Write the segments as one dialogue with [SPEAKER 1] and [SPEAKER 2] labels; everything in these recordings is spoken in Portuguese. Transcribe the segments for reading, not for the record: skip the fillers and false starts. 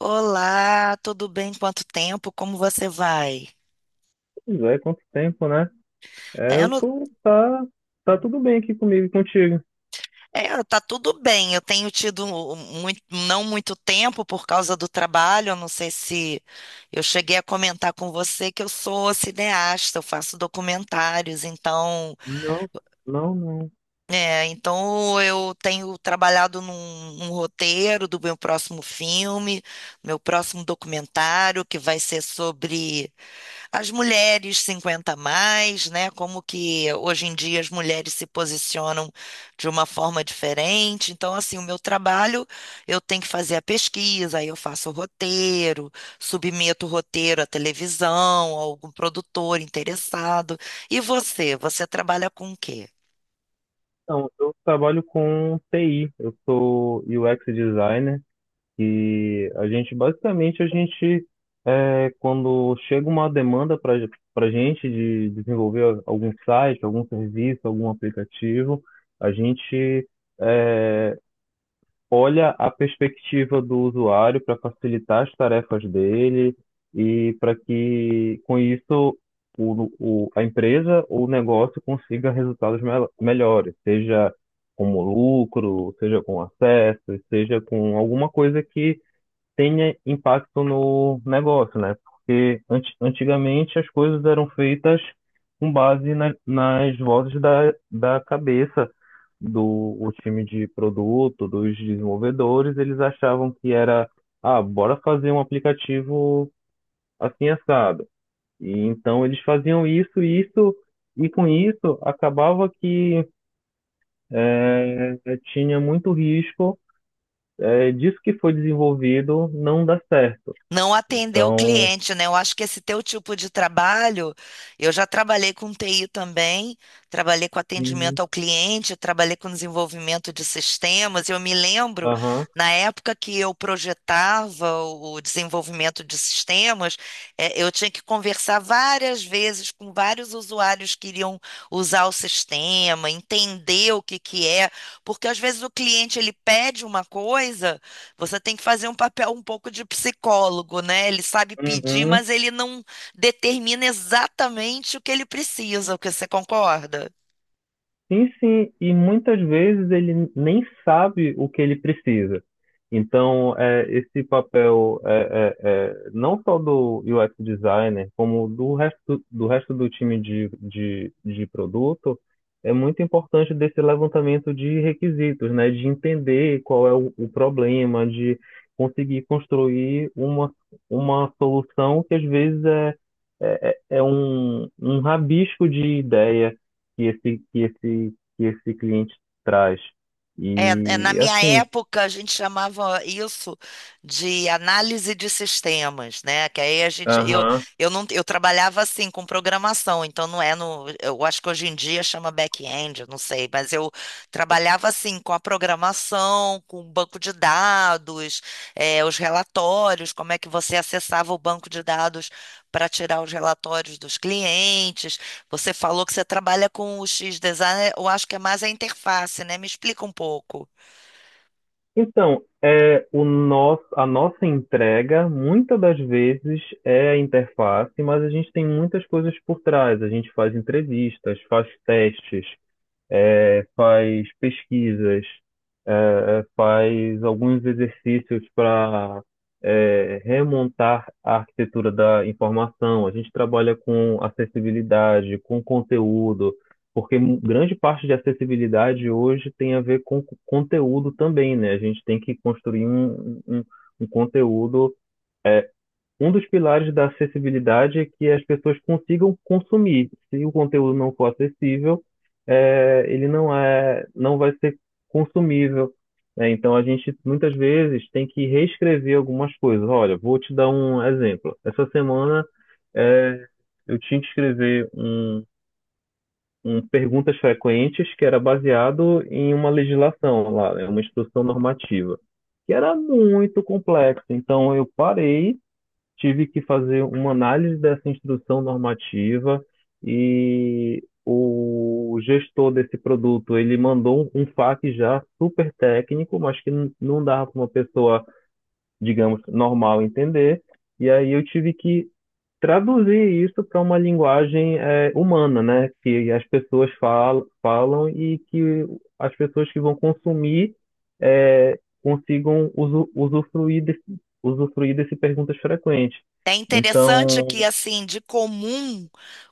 [SPEAKER 1] Olá, tudo bem? Quanto tempo? Como você vai?
[SPEAKER 2] Pois é, quanto tempo, né? É,
[SPEAKER 1] É, eu
[SPEAKER 2] eu
[SPEAKER 1] não,
[SPEAKER 2] tô, tá, tá tudo bem aqui comigo e contigo.
[SPEAKER 1] é, Tá tudo bem. Eu tenho tido não muito tempo por causa do trabalho. Eu não sei se eu cheguei a comentar com você que eu sou cineasta, eu faço documentários, então,
[SPEAKER 2] Não, não, não.
[SPEAKER 1] então eu tenho trabalhado num roteiro do meu próximo filme, meu próximo documentário, que vai ser sobre as mulheres 50 a mais, né? Como que hoje em dia as mulheres se posicionam de uma forma diferente. Então, assim, o meu trabalho, eu tenho que fazer a pesquisa, aí eu faço o roteiro, submeto o roteiro à televisão, a algum produtor interessado. E você, você trabalha com o quê?
[SPEAKER 2] Então, eu trabalho com TI, eu sou UX designer e a gente, basicamente, quando chega uma demanda para gente de desenvolver algum site, algum serviço, algum aplicativo, a gente é, olha a perspectiva do usuário para facilitar as tarefas dele e para que, com isso, a empresa ou o negócio consiga resultados melhores, seja como lucro, seja com acesso, seja com alguma coisa que tenha impacto no negócio, né? Porque antigamente as coisas eram feitas com base nas vozes da cabeça do o time de produto, dos desenvolvedores. Eles achavam que era, ah, bora fazer um aplicativo assim assado. E então eles faziam isso, e com isso acabava que tinha muito risco disso que foi desenvolvido não dar certo.
[SPEAKER 1] Não atender o
[SPEAKER 2] Então,
[SPEAKER 1] cliente, né? Eu acho que esse teu tipo de trabalho, eu já trabalhei com TI também, trabalhei com atendimento
[SPEAKER 2] uhum.
[SPEAKER 1] ao cliente, trabalhei com desenvolvimento de sistemas. Eu me lembro,
[SPEAKER 2] Aham.
[SPEAKER 1] na época que eu projetava o desenvolvimento de sistemas, eu tinha que conversar várias vezes com vários usuários que iriam usar o sistema, entender o que que é, porque às vezes o cliente ele pede uma coisa, você tem que fazer um papel um pouco de psicólogo, né? Ele sabe pedir,
[SPEAKER 2] Uhum.
[SPEAKER 1] mas ele não determina exatamente o que ele precisa, o que você concorda?
[SPEAKER 2] Sim, sim, e muitas vezes ele nem sabe o que ele precisa. Então, esse papel é não só do UX designer, como do resto do time de produto. É muito importante desse levantamento de requisitos, né? De entender qual é o problema, de conseguir construir uma solução que às vezes é um rabisco de ideia que esse, que esse, que esse cliente traz.
[SPEAKER 1] É, é, na
[SPEAKER 2] E
[SPEAKER 1] minha
[SPEAKER 2] assim,
[SPEAKER 1] época, a gente chamava isso de análise de sistemas, né? Que aí a gente,
[SPEAKER 2] aham.
[SPEAKER 1] eu não, eu trabalhava assim com programação, então não é no, eu acho que hoje em dia chama back-end, eu não sei, mas eu trabalhava assim com a programação, com o banco de dados, os relatórios, como é que você acessava o banco de dados para tirar os relatórios dos clientes. Você falou que você trabalha com o X-Design, eu acho que é mais a interface, né? Me explica um pouco.
[SPEAKER 2] Então, a nossa entrega, muitas das vezes, é a interface, mas a gente tem muitas coisas por trás. A gente faz entrevistas, faz testes, faz pesquisas, faz alguns exercícios para remontar a arquitetura da informação. A gente trabalha com acessibilidade, com conteúdo, porque grande parte de acessibilidade hoje tem a ver com conteúdo também, né? A gente tem que construir um conteúdo. Um dos pilares da acessibilidade é que as pessoas consigam consumir. Se o conteúdo não for acessível, eh, ele não é, não vai ser consumível, né? Então a gente muitas vezes tem que reescrever algumas coisas. Olha, vou te dar um exemplo. Essa semana eh, eu tinha que escrever um perguntas frequentes que era baseado em uma legislação lá, né, uma instrução normativa, que era muito complexo. Então eu parei, tive que fazer uma análise dessa instrução normativa, e o gestor desse produto, ele mandou um FAQ já super técnico, mas que não dava para uma pessoa, digamos, normal entender. E aí eu tive que traduzir isso para uma linguagem humana, né? Que as pessoas falam, falam, e que as pessoas que vão consumir consigam usufruir desse, perguntas frequentes.
[SPEAKER 1] É interessante que,
[SPEAKER 2] Então,
[SPEAKER 1] assim, de comum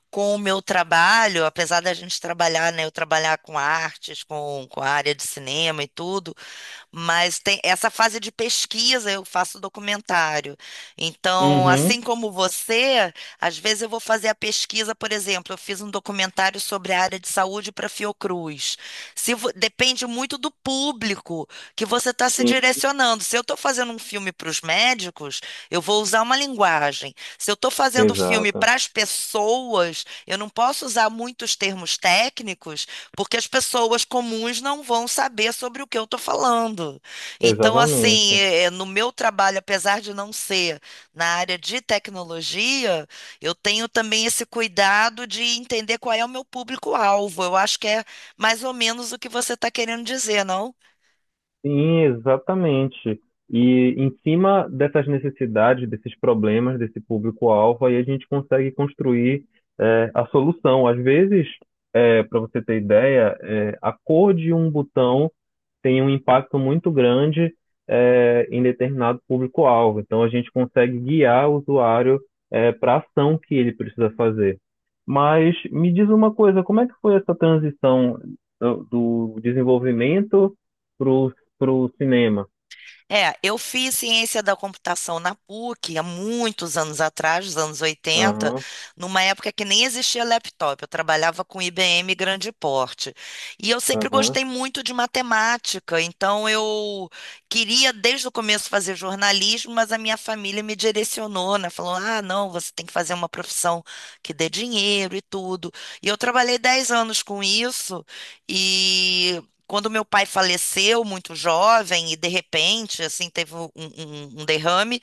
[SPEAKER 1] com o meu trabalho, apesar da gente trabalhar, né? Eu trabalhar com artes, com a área de cinema e tudo, mas tem essa fase de pesquisa, eu faço documentário. Então,
[SPEAKER 2] uhum,
[SPEAKER 1] assim como você, às vezes eu vou fazer a pesquisa, por exemplo, eu fiz um documentário sobre a área de saúde para Fiocruz. Se vo- Depende muito do público que você está se
[SPEAKER 2] sim,
[SPEAKER 1] direcionando. Se eu estou fazendo um filme para os médicos, eu vou usar uma linguagem. Se eu estou fazendo filme
[SPEAKER 2] exata,
[SPEAKER 1] para as pessoas, eu não posso usar muitos termos técnicos, porque as pessoas comuns não vão saber sobre o que eu estou falando. Então, assim,
[SPEAKER 2] exatamente.
[SPEAKER 1] é, no meu trabalho, apesar de não ser na área de tecnologia, eu tenho também esse cuidado de entender qual é o meu público-alvo. Eu acho que é mais ou menos o que você está querendo dizer, não?
[SPEAKER 2] Sim, exatamente. E em cima dessas necessidades, desses problemas, desse público-alvo, aí a gente consegue construir a solução. Às vezes, para você ter ideia, a cor de um botão tem um impacto muito grande em determinado público-alvo. Então, a gente consegue guiar o usuário para a ação que ele precisa fazer. Mas me diz uma coisa, como é que foi essa transição do desenvolvimento para o cinema?
[SPEAKER 1] É, eu fiz ciência da computação na PUC há muitos anos atrás, nos anos 80,
[SPEAKER 2] Aham,
[SPEAKER 1] numa época que nem existia laptop. Eu trabalhava com IBM grande porte. E eu sempre
[SPEAKER 2] aham.
[SPEAKER 1] gostei muito de matemática, então eu queria desde o começo fazer jornalismo, mas a minha família me direcionou, né? Falou: ah, não, você tem que fazer uma profissão que dê dinheiro e tudo. E eu trabalhei 10 anos com isso. E quando meu pai faleceu muito jovem e de repente assim teve um derrame,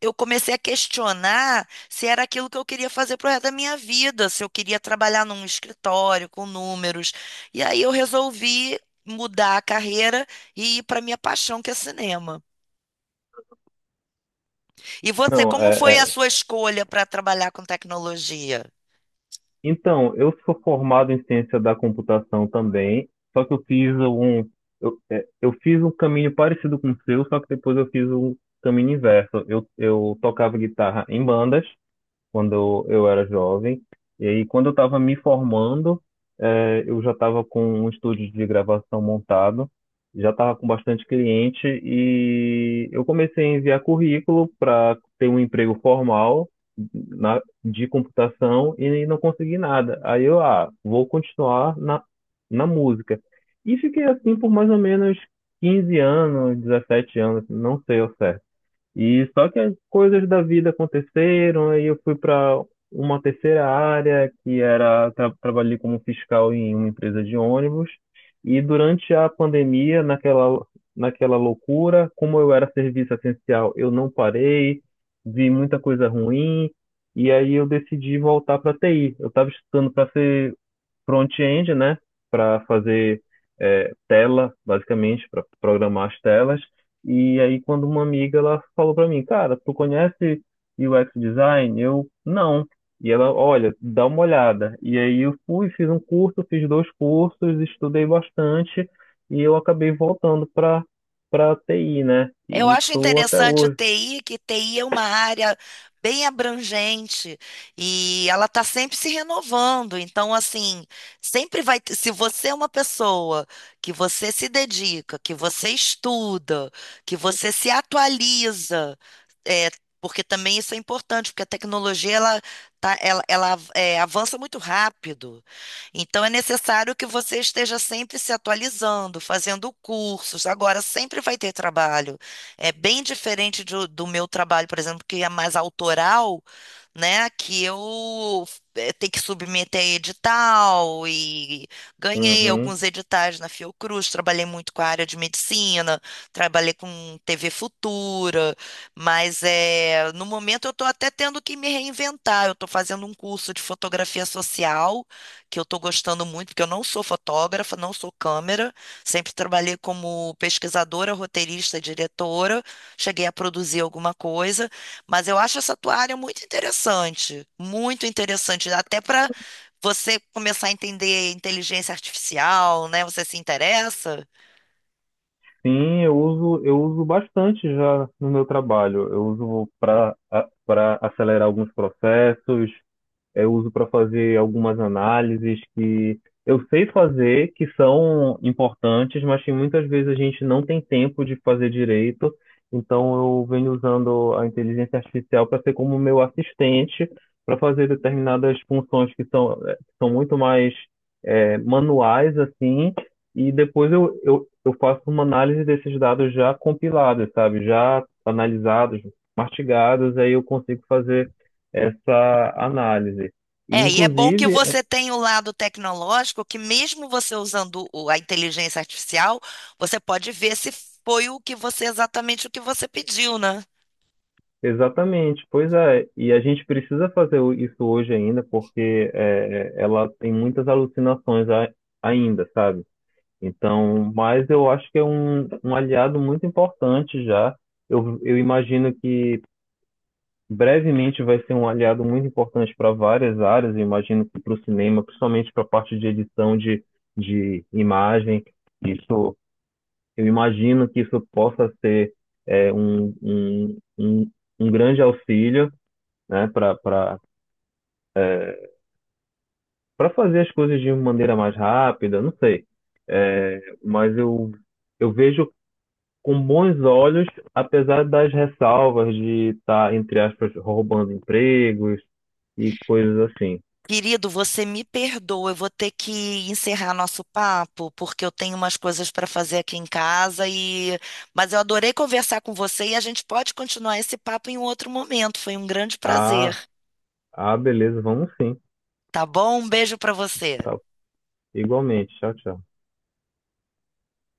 [SPEAKER 1] eu comecei a questionar se era aquilo que eu queria fazer pro resto da minha vida, se eu queria trabalhar num escritório com números. E aí eu resolvi mudar a carreira e ir para minha paixão, que é cinema. E você,
[SPEAKER 2] Não,
[SPEAKER 1] como
[SPEAKER 2] é,
[SPEAKER 1] foi a
[SPEAKER 2] é,
[SPEAKER 1] sua escolha para trabalhar com tecnologia?
[SPEAKER 2] Então, eu sou formado em ciência da computação também, só que eu fiz eu fiz um caminho parecido com o seu, só que depois eu fiz um caminho inverso. Eu tocava guitarra em bandas, quando eu era jovem. E aí, quando eu estava me formando, eu já estava com um estúdio de gravação montado, já estava com bastante cliente e eu comecei a enviar currículo para ter um emprego formal de computação e não consegui nada. Aí eu, ah, vou continuar na música. E fiquei assim por mais ou menos 15 anos, 17 anos, não sei ao certo. E só que as coisas da vida aconteceram, aí eu fui para uma terceira área, que era, trabalhei como fiscal em uma empresa de ônibus. E durante a pandemia, naquela loucura, como eu era serviço essencial, eu não parei, vi muita coisa ruim, e aí eu decidi voltar para TI. Eu estava estudando para front-end, né, para fazer tela, basicamente, para programar as telas. E aí, quando uma amiga ela falou para mim, cara, tu conhece UX design? Eu, não. E ela, olha, dá uma olhada. E aí eu fui, fiz um curso, fiz dois cursos, estudei bastante e eu acabei voltando para TI, né?
[SPEAKER 1] Eu
[SPEAKER 2] E
[SPEAKER 1] acho
[SPEAKER 2] tô até
[SPEAKER 1] interessante o
[SPEAKER 2] hoje.
[SPEAKER 1] TI, que TI é uma área bem abrangente e ela está sempre se renovando. Então, assim, sempre Se você é uma pessoa que você se dedica, que você estuda, que você se atualiza, é, porque também isso é importante, porque a tecnologia ela, tá, ela é, avança muito rápido. Então, é necessário que você esteja sempre se atualizando, fazendo cursos. Agora, sempre vai ter trabalho. É bem diferente do meu trabalho, por exemplo, que é mais autoral, né? Que eu tenho que submeter a edital e ganhei
[SPEAKER 2] Uhum.
[SPEAKER 1] alguns editais na Fiocruz, trabalhei muito com a área de medicina, trabalhei com TV Futura, mas é, no momento eu estou até tendo que me reinventar. Eu estou fazendo um curso de fotografia social, que eu estou gostando muito, porque eu não sou fotógrafa, não sou câmera. Sempre trabalhei como pesquisadora, roteirista, diretora, cheguei a produzir alguma coisa, mas eu acho essa tua área muito interessante, até para você começar a entender inteligência artificial, né? Você se interessa?
[SPEAKER 2] Sim, eu uso bastante já no meu trabalho. Eu uso para acelerar alguns processos, eu uso para fazer algumas análises que eu sei fazer, que são importantes, mas que muitas vezes a gente não tem tempo de fazer direito. Então eu venho usando a inteligência artificial para ser como meu assistente para fazer determinadas funções que que são muito mais manuais assim. E depois eu faço uma análise desses dados já compilados, sabe? Já analisados, mastigados, aí eu consigo fazer essa análise. E,
[SPEAKER 1] É, e é bom que
[SPEAKER 2] inclusive,
[SPEAKER 1] você tenha o lado tecnológico, que mesmo você usando a inteligência artificial, você pode ver se foi o que você exatamente o que você pediu, né?
[SPEAKER 2] exatamente, pois é, e a gente precisa fazer isso hoje ainda, porque ela tem muitas alucinações ainda, sabe? Então, mas eu acho que é um aliado muito importante já. Eu imagino que brevemente vai ser um aliado muito importante para várias áreas. Eu imagino que para o cinema, principalmente para a parte de edição de imagem, isso, eu imagino que isso possa ser é, um, um, um, um grande auxílio, né, para fazer as coisas de uma maneira mais rápida, não sei. É, mas eu vejo com bons olhos, apesar das ressalvas de estar, entre aspas, roubando empregos e coisas assim.
[SPEAKER 1] Querido, você me perdoa, eu vou ter que encerrar nosso papo, porque eu tenho umas coisas para fazer aqui em casa e mas eu adorei conversar com você e a gente pode continuar esse papo em um outro momento. Foi um grande prazer,
[SPEAKER 2] Ah, ah, beleza, vamos sim.
[SPEAKER 1] tá bom? Um beijo para você.
[SPEAKER 2] Tá. Igualmente. Tchau, tchau.